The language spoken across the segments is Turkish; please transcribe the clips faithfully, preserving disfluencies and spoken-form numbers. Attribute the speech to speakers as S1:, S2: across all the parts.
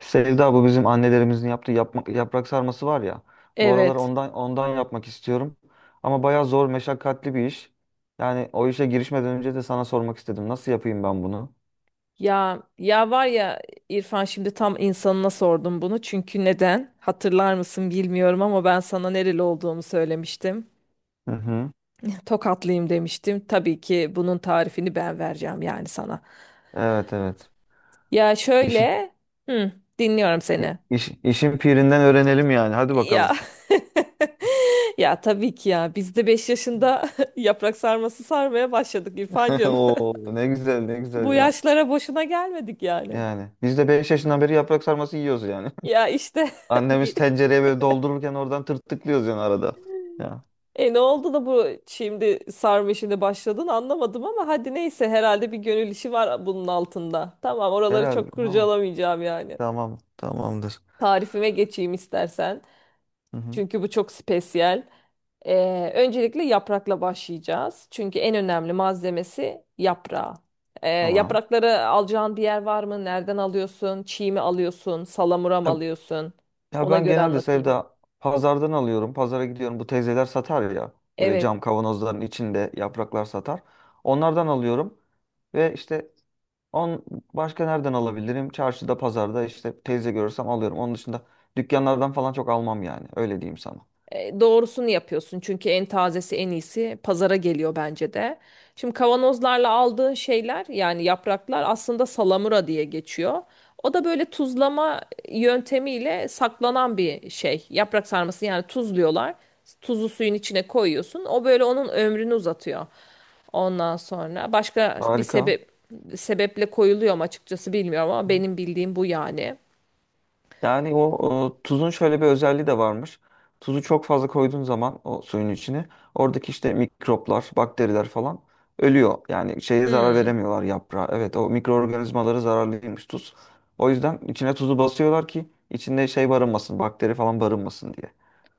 S1: Sevda, bu bizim annelerimizin yaptığı yapmak, yaprak sarması var ya. Bu aralar
S2: Evet.
S1: ondan ondan yapmak istiyorum. Ama bayağı zor, meşakkatli bir iş. Yani o işe girişmeden önce de sana sormak istedim. Nasıl yapayım ben bunu?
S2: Ya ya var ya İrfan, şimdi tam insanına sordum bunu. Çünkü neden? Hatırlar mısın bilmiyorum ama ben sana nereli olduğumu söylemiştim.
S1: Hı hı.
S2: Tokatlıyım demiştim. Tabii ki bunun tarifini ben vereceğim yani sana.
S1: Evet, evet.
S2: Ya
S1: İşin,
S2: şöyle, hı, dinliyorum seni.
S1: iş, işin pirinden öğrenelim yani. Hadi
S2: Ya
S1: bakalım.
S2: ya tabii ki ya biz de beş yaşında yaprak sarması sarmaya başladık İrfancığım.
S1: Oo, ne güzel ne
S2: Bu
S1: güzel ya.
S2: yaşlara boşuna gelmedik yani.
S1: Yani biz de beş yaşından beri yaprak sarması yiyoruz yani.
S2: Ya işte
S1: Annemiz
S2: bir-
S1: tencereye böyle doldururken oradan tırtıklıyoruz yani arada. Ya.
S2: E ne oldu da bu şimdi sarma işine başladın anlamadım, ama hadi neyse, herhalde bir gönül işi var bunun altında. Tamam, oraları
S1: Herhalde.
S2: çok
S1: Tamam.
S2: kurcalamayacağım yani.
S1: Tamam. Tamamdır.
S2: Tarifime geçeyim istersen.
S1: Hı hı.
S2: Çünkü bu çok spesiyel. Ee, öncelikle yaprakla başlayacağız. Çünkü en önemli malzemesi yaprağı. Ee,
S1: Tamam.
S2: yaprakları alacağın bir yer var mı? Nereden alıyorsun? Çiğ mi alıyorsun? Salamura mı
S1: Ya,
S2: alıyorsun?
S1: ya
S2: Ona
S1: ben
S2: göre
S1: genelde
S2: anlatayım.
S1: Sevda pazardan alıyorum. Pazara gidiyorum. Bu teyzeler satar ya. Böyle
S2: Evet.
S1: cam kavanozların içinde yapraklar satar. Onlardan alıyorum. Ve işte on başka nereden alabilirim? Çarşıda, pazarda işte teyze görürsem alıyorum. Onun dışında dükkanlardan falan çok almam yani. Öyle diyeyim sana.
S2: E, Doğrusunu yapıyorsun çünkü en tazesi en iyisi pazara geliyor bence de. Şimdi kavanozlarla aldığın şeyler yani yapraklar aslında salamura diye geçiyor. O da böyle tuzlama yöntemiyle saklanan bir şey. Yaprak sarması yani tuzluyorlar. Tuzu suyun içine koyuyorsun. O böyle onun ömrünü uzatıyor. Ondan sonra başka bir
S1: Harika.
S2: sebep sebeple koyuluyor mu açıkçası bilmiyorum, ama benim bildiğim bu yani.
S1: Yani o, o tuzun şöyle bir özelliği de varmış. Tuzu çok fazla koyduğun zaman o suyun içine oradaki işte mikroplar, bakteriler falan ölüyor. Yani şeye zarar veremiyorlar yaprağa. Evet, o mikroorganizmaları zararlıymış tuz. O yüzden içine tuzu basıyorlar ki içinde şey barınmasın, bakteri falan barınmasın diye.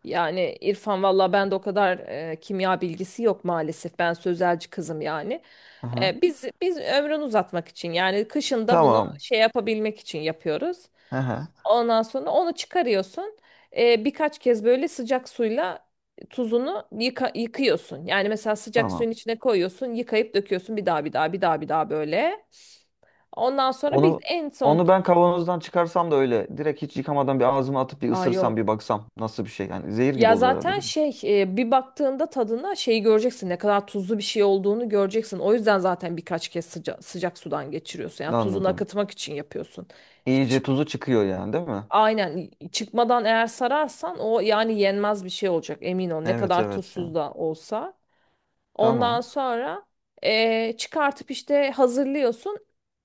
S2: Yani İrfan valla ben de o kadar e, kimya bilgisi yok maalesef. Ben sözelci kızım yani.
S1: Aha.
S2: E, biz biz ömrünü uzatmak için yani kışında bunu
S1: Tamam.
S2: şey yapabilmek için yapıyoruz.
S1: Aha.
S2: Ondan sonra onu çıkarıyorsun. E, birkaç kez böyle sıcak suyla tuzunu yıka- yıkıyorsun. Yani mesela sıcak
S1: Tamam.
S2: suyun içine koyuyorsun, yıkayıp döküyorsun bir daha bir daha bir daha bir daha böyle. Ondan sonra bir
S1: Onu
S2: en son.
S1: onu ben kavanozdan çıkarsam da öyle direkt hiç yıkamadan bir ağzıma atıp bir
S2: Aa,
S1: ısırsam
S2: yok.
S1: bir baksam nasıl bir şey, yani zehir gibi
S2: Ya
S1: olur herhalde
S2: zaten
S1: değil mi?
S2: şey e, bir baktığında tadına şeyi göreceksin, ne kadar tuzlu bir şey olduğunu göreceksin. O yüzden zaten birkaç kez sıca- sıcak sudan geçiriyorsun. Yani tuzunu
S1: Anladım.
S2: akıtmak için yapıyorsun. Hiç
S1: İyice tuzu çıkıyor yani değil mi?
S2: aynen çıkmadan eğer sararsan o yani yenmez bir şey olacak, emin ol, ne
S1: Evet,
S2: kadar
S1: evet. Ya.
S2: tuzsuz da olsa. Ondan
S1: Tamam.
S2: sonra e, çıkartıp işte hazırlıyorsun.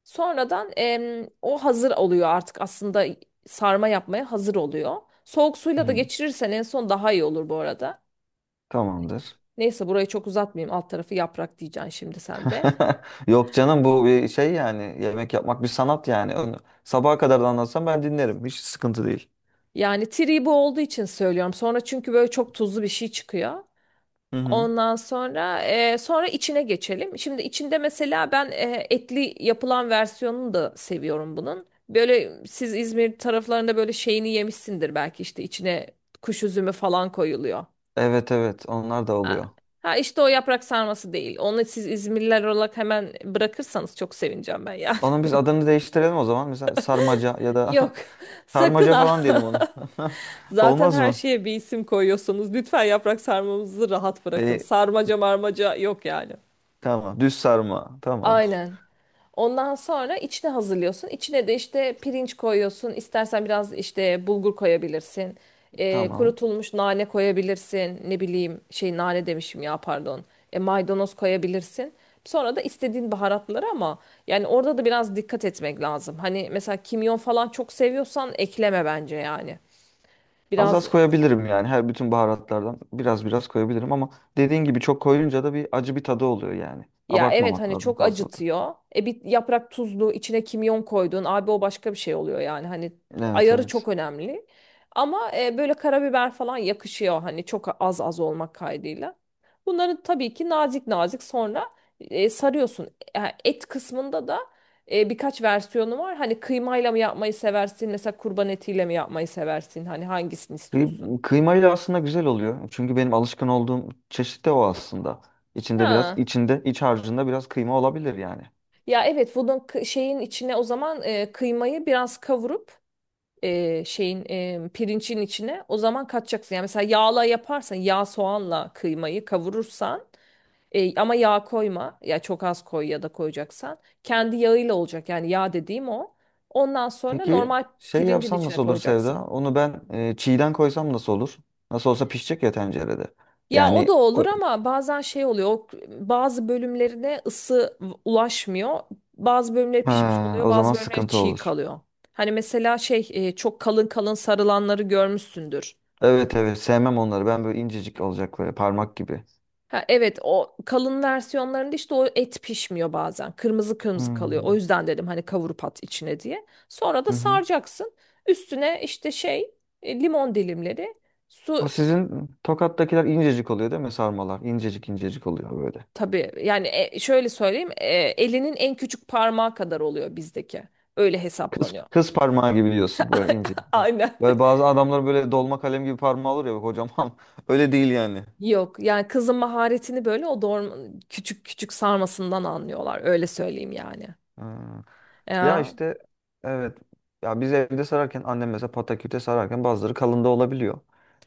S2: Sonradan em, o hazır oluyor artık aslında, sarma yapmaya hazır oluyor. Soğuk suyla da
S1: Hı.
S2: geçirirsen en son daha iyi olur bu arada.
S1: Tamamdır.
S2: Neyse burayı çok uzatmayayım. Alt tarafı yaprak diyeceksin şimdi sen de.
S1: Yok canım, bu bir şey yani. Yemek yapmak bir sanat yani. Onu sabaha kadar da anlatsam ben dinlerim. Hiç sıkıntı değil.
S2: Yani tree bu olduğu için söylüyorum. Sonra çünkü böyle çok tuzlu bir şey çıkıyor.
S1: Hı hı.
S2: Ondan sonra e, sonra içine geçelim. Şimdi içinde mesela ben e, etli yapılan versiyonunu da seviyorum bunun. Böyle siz İzmir taraflarında böyle şeyini yemişsindir belki, işte içine kuş üzümü falan koyuluyor.
S1: Evet, evet, onlar da
S2: Ha
S1: oluyor.
S2: ha işte o yaprak sarması değil. Onu siz İzmirliler olarak hemen bırakırsanız çok sevineceğim ben ya.
S1: Onun biz adını değiştirelim o zaman. Mesela sarmaca ya da
S2: Yok. Sakın
S1: sarmaca
S2: ha.
S1: falan diyelim onu.
S2: Zaten
S1: Olmaz
S2: her
S1: mı?
S2: şeye bir isim koyuyorsunuz. Lütfen yaprak sarmamızı rahat bırakın.
S1: E,
S2: Sarmaca marmaca yok yani.
S1: tamam. Düz sarma. Tamamdır.
S2: Aynen. Ondan sonra içine hazırlıyorsun. İçine de işte pirinç koyuyorsun. İstersen biraz işte bulgur koyabilirsin. Ee,
S1: Tamam.
S2: kurutulmuş nane koyabilirsin. Ne bileyim şey nane demişim ya, pardon. E, maydanoz koyabilirsin. Sonra da istediğin baharatları, ama yani orada da biraz dikkat etmek lazım. Hani mesela kimyon falan çok seviyorsan ekleme bence yani.
S1: Az
S2: Biraz.
S1: az koyabilirim yani, her bütün baharatlardan biraz biraz koyabilirim ama dediğin gibi çok koyunca da bir acı bir tadı oluyor yani.
S2: Ya, evet
S1: Abartmamak
S2: hani
S1: lazım
S2: çok
S1: fazla da.
S2: acıtıyor. E bir yaprak tuzlu, içine kimyon koydun. Abi o başka bir şey oluyor yani. Hani
S1: Evet,
S2: ayarı
S1: evet.
S2: çok önemli. Ama e, böyle karabiber falan yakışıyor hani, çok az az olmak kaydıyla. Bunları tabii ki nazik nazik sonra e, sarıyorsun. E, Et kısmında da e, birkaç versiyonu var. Hani kıymayla mı yapmayı seversin? Mesela kurban etiyle mi yapmayı seversin? Hani hangisini istiyorsun?
S1: Kıy- Kıymayla aslında güzel oluyor. Çünkü benim alışkın olduğum çeşit de o aslında. İçinde biraz,
S2: Ha.
S1: içinde iç harcında biraz kıyma olabilir yani.
S2: Ya evet, bunun kı- şeyin içine, o zaman e, kıymayı biraz kavurup e, şeyin e, pirincin içine o zaman katacaksın. Yani mesela yağla yaparsan yağ soğanla kıymayı kavurursan e, ama yağ koyma ya, çok az koy ya da koyacaksan kendi yağıyla olacak yani, yağ dediğim o. Ondan sonra
S1: Peki
S2: normal
S1: şey
S2: pirincin
S1: yapsam
S2: içine
S1: nasıl olur
S2: koyacaksın.
S1: Sevda? Onu ben e, çiğden koysam nasıl olur? Nasıl olsa pişecek ya tencerede.
S2: Ya o da
S1: Yani
S2: olur,
S1: o,
S2: ama bazen şey oluyor, o bazı bölümlerine ısı ulaşmıyor. Bazı bölümleri pişmiş
S1: ha,
S2: oluyor,
S1: o zaman
S2: bazı bölümleri
S1: sıkıntı
S2: çiğ
S1: olur.
S2: kalıyor. Hani mesela şey e, çok kalın kalın sarılanları görmüşsündür.
S1: Evet, evet, sevmem onları. Ben böyle incecik olacak, böyle parmak gibi.
S2: Ha, evet o kalın versiyonlarında işte o et pişmiyor bazen. Kırmızı kırmızı kalıyor. O
S1: Hmm.
S2: yüzden dedim hani kavurup at içine diye. Sonra da
S1: Hı hı.
S2: saracaksın. Üstüne işte şey e, limon dilimleri, su,
S1: O sizin Tokat'takiler incecik oluyor değil mi sarmalar? İncecik incecik oluyor böyle.
S2: tabii yani e, şöyle söyleyeyim, e, elinin en küçük parmağı kadar oluyor bizdeki. Öyle
S1: Kız,
S2: hesaplanıyor.
S1: kız parmağı gibi diyorsun, böyle ince.
S2: Aynen.
S1: Böyle bazı adamlar böyle dolma kalem gibi parmağı olur ya bak, kocaman. Öyle değil yani.
S2: Yok yani, kızın maharetini böyle o doğru küçük küçük sarmasından anlıyorlar, öyle söyleyeyim yani.
S1: Hmm. Ya
S2: Ya
S1: işte evet. Ya biz evde sararken annem mesela pataküte sararken bazıları kalın da olabiliyor.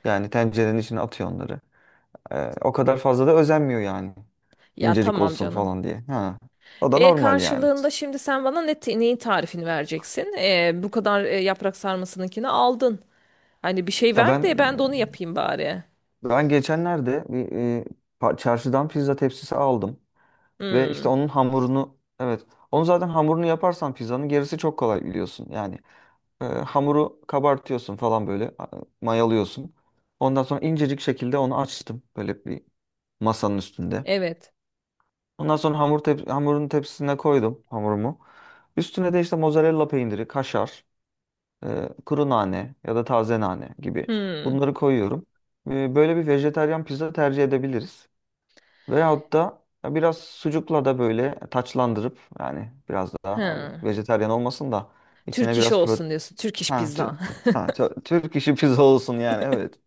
S1: Yani tencerenin içine atıyor onları. Ee, o kadar fazla da özenmiyor yani.
S2: ya
S1: İncecik
S2: tamam
S1: olsun
S2: canım.
S1: falan diye. Ha. O da
S2: E,
S1: normal yani.
S2: karşılığında şimdi sen bana ne te- neyin tarifini vereceksin? E, bu kadar e, yaprak sarmasınınkini aldın. Hani bir şey
S1: Ya
S2: ver
S1: ben
S2: de ben de onu yapayım bari.
S1: Ben geçenlerde bir e, pa- çarşıdan pizza tepsisi aldım ve işte
S2: Hmm,
S1: onun hamurunu, evet, onu zaten hamurunu yaparsan pizzanın gerisi çok kolay, biliyorsun. Yani e, hamuru kabartıyorsun falan, böyle a- mayalıyorsun. Ondan sonra incecik şekilde onu açtım böyle bir masanın üstünde.
S2: evet.
S1: Ondan sonra hamur tep- hamurun tepsisine koydum hamurumu. Üstüne de işte mozzarella peyniri, kaşar, e, kuru nane ya da taze nane gibi
S2: Hmm,
S1: bunları koyuyorum. E, böyle bir vejetaryen pizza tercih edebiliriz. Veyahut da biraz sucukla da böyle taçlandırıp, yani biraz daha, abi,
S2: hı.
S1: vejetaryen olmasın da içine
S2: Türk iş
S1: biraz protein.
S2: olsun diyorsun. Türk iş
S1: Ha,
S2: pizza.
S1: tü- ha, tü- Türk işi pizza olsun yani, evet.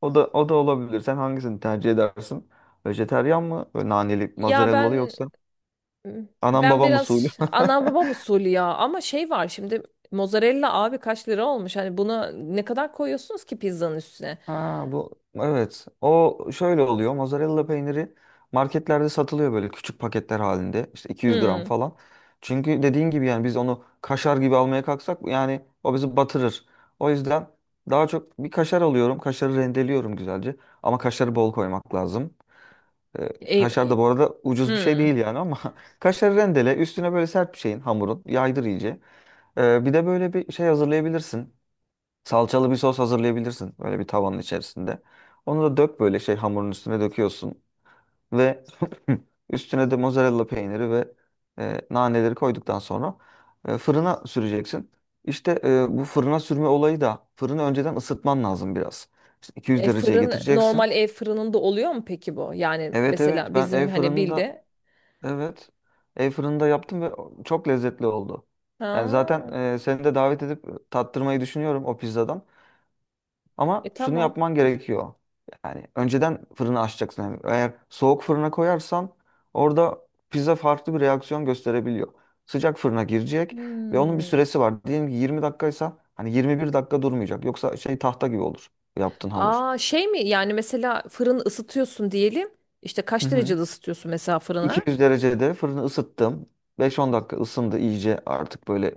S1: O da, o da olabilir. Sen hangisini tercih edersin? Vejetaryen mı? Böyle naneli,
S2: Ya
S1: mozzarella'lı,
S2: ben
S1: yoksa anam
S2: ben
S1: babam usulü.
S2: biraz ana babam usulü ya, ama şey var şimdi, mozzarella abi kaç lira olmuş? Hani buna ne kadar koyuyorsunuz ki pizzanın üstüne?
S1: Ha, bu evet. O şöyle oluyor. Mozzarella peyniri marketlerde satılıyor böyle küçük paketler halinde. İşte iki yüz gram
S2: Hmm.
S1: falan. Çünkü dediğin gibi yani biz onu kaşar gibi almaya kalksak, yani o bizi batırır. O yüzden daha çok bir kaşar alıyorum. Kaşarı rendeliyorum güzelce. Ama kaşarı bol koymak lazım. Ee,
S2: E,
S1: kaşar da
S2: e,
S1: bu arada ucuz bir şey
S2: hmm.
S1: değil yani ama kaşarı rendele, üstüne böyle sert bir şeyin hamurun yaydır iyice. Ee, bir de böyle bir şey hazırlayabilirsin. Salçalı bir sos hazırlayabilirsin böyle bir tavanın içerisinde. Onu da dök, böyle şey hamurun üstüne döküyorsun ve üstüne de mozzarella peyniri ve e, naneleri koyduktan sonra e, fırına süreceksin. İşte e, bu fırına sürme olayı da, fırını önceden ısıtman lazım biraz. İşte iki yüz
S2: E,
S1: dereceye
S2: fırın
S1: getireceksin.
S2: normal ev fırınında oluyor mu peki bu? Yani
S1: Evet, evet,
S2: mesela
S1: ben
S2: bizim
S1: ev
S2: hani
S1: fırında,
S2: bilde.
S1: evet, ev fırında yaptım ve çok lezzetli oldu.
S2: Ha,
S1: Yani zaten e, seni de davet edip e, tattırmayı düşünüyorum o pizzadan.
S2: e
S1: Ama şunu
S2: tamam.
S1: yapman gerekiyor. Yani önceden fırını açacaksın. Yani eğer soğuk fırına koyarsan orada pizza farklı bir reaksiyon gösterebiliyor. Sıcak fırına girecek ve onun bir
S2: Hmm.
S1: süresi var. Diyelim ki yirmi dakikaysa hani yirmi bir dakika durmayacak. Yoksa şey tahta gibi olur yaptığın hamur.
S2: Aa, şey mi yani, mesela fırını ısıtıyorsun diyelim. İşte
S1: Hı
S2: kaç
S1: hı.
S2: derecede ısıtıyorsun mesela fırına?
S1: iki yüz derecede fırını ısıttım. beş on dakika ısındı iyice, artık böyle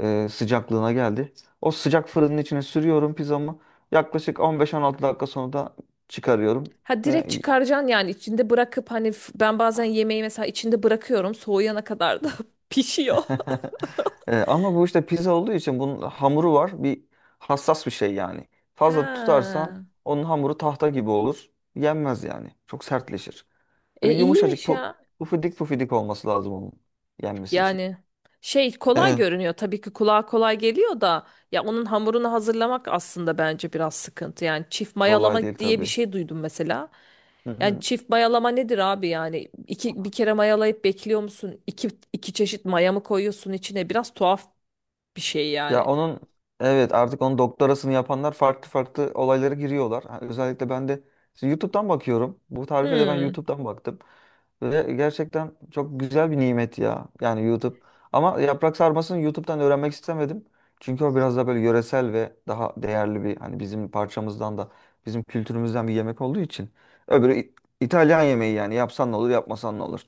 S1: e, sıcaklığına geldi. O sıcak fırının içine sürüyorum pizzamı. Yaklaşık on beş, on altı dakika sonra da çıkarıyorum
S2: Ha, direkt
S1: ve
S2: çıkaracaksın yani içinde bırakıp hani f- ben bazen yemeği mesela içinde bırakıyorum soğuyana kadar da pişiyor.
S1: E, ama bu işte pizza olduğu için bunun hamuru var. Bir hassas bir şey yani. Fazla tutarsan
S2: Ha.
S1: onun hamuru tahta gibi olur. Yenmez yani. Çok sertleşir.
S2: E
S1: Böyle yumuşacık,
S2: iyiymiş
S1: pu,
S2: ya.
S1: pufidik pufidik olması lazım onun yenmesi için.
S2: Yani şey kolay
S1: Evet.
S2: görünüyor, tabii ki kulağa kolay geliyor da, ya onun hamurunu hazırlamak aslında bence biraz sıkıntı. Yani çift
S1: Kolay değil
S2: mayalama diye bir
S1: tabii.
S2: şey duydum mesela.
S1: Hı
S2: Yani
S1: hı.
S2: çift mayalama nedir abi yani, iki, bir kere mayalayıp bekliyor musun? İki, iki çeşit maya mı koyuyorsun içine? Biraz tuhaf bir şey yani.
S1: Ya onun Evet, artık onun doktorasını yapanlar farklı farklı olaylara giriyorlar. Ha, özellikle ben de şimdi YouTube'dan bakıyorum. Bu tarife de ben
S2: Hmm.
S1: YouTube'dan baktım. Ve gerçekten çok güzel bir nimet ya. Yani YouTube. Ama yaprak sarmasını YouTube'dan öğrenmek istemedim. Çünkü o biraz da böyle yöresel ve daha değerli, bir hani bizim parçamızdan da, bizim kültürümüzden bir yemek olduğu için. Öbürü İ- İtalyan yemeği, yani yapsan ne olur yapmasan ne olur.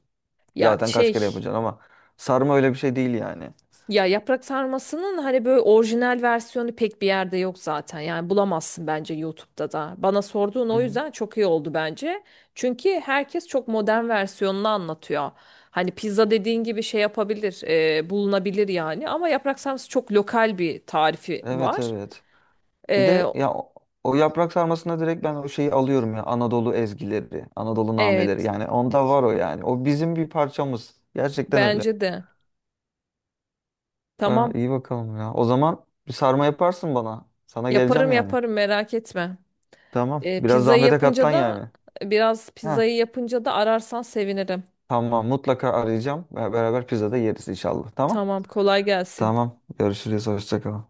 S2: Ya
S1: Zaten kaç kere
S2: şey
S1: yapacaksın, ama sarma öyle bir şey değil yani.
S2: Ya yaprak sarmasının hani böyle orijinal versiyonu pek bir yerde yok zaten. Yani bulamazsın bence YouTube'da da. Bana sorduğun
S1: Hı
S2: o
S1: hı.
S2: yüzden çok iyi oldu bence. Çünkü herkes çok modern versiyonunu anlatıyor. Hani pizza dediğin gibi şey yapabilir, e, bulunabilir yani. Ama yaprak sarması çok lokal bir tarifi
S1: Evet,
S2: var.
S1: evet. Bir
S2: E,
S1: de ya o o yaprak sarmasına, direkt ben o şeyi alıyorum ya, Anadolu ezgileri, Anadolu nameleri,
S2: evet,
S1: yani onda var o yani. O bizim bir parçamız. Gerçekten öyle.
S2: bence de.
S1: Aa,
S2: Tamam,
S1: iyi bakalım ya. O zaman bir sarma yaparsın bana. Sana
S2: yaparım
S1: geleceğim yani.
S2: yaparım merak etme.
S1: Tamam.
S2: E,
S1: Biraz
S2: pizzayı
S1: zahmete
S2: yapınca
S1: katlan
S2: da
S1: yani.
S2: biraz
S1: Ha.
S2: pizzayı yapınca da ararsan sevinirim.
S1: Tamam, mutlaka arayacağım. Be- Beraber pizzada yeriz inşallah. Tamam.
S2: Tamam, kolay gelsin.
S1: Tamam. Görüşürüz. Hoşça kal.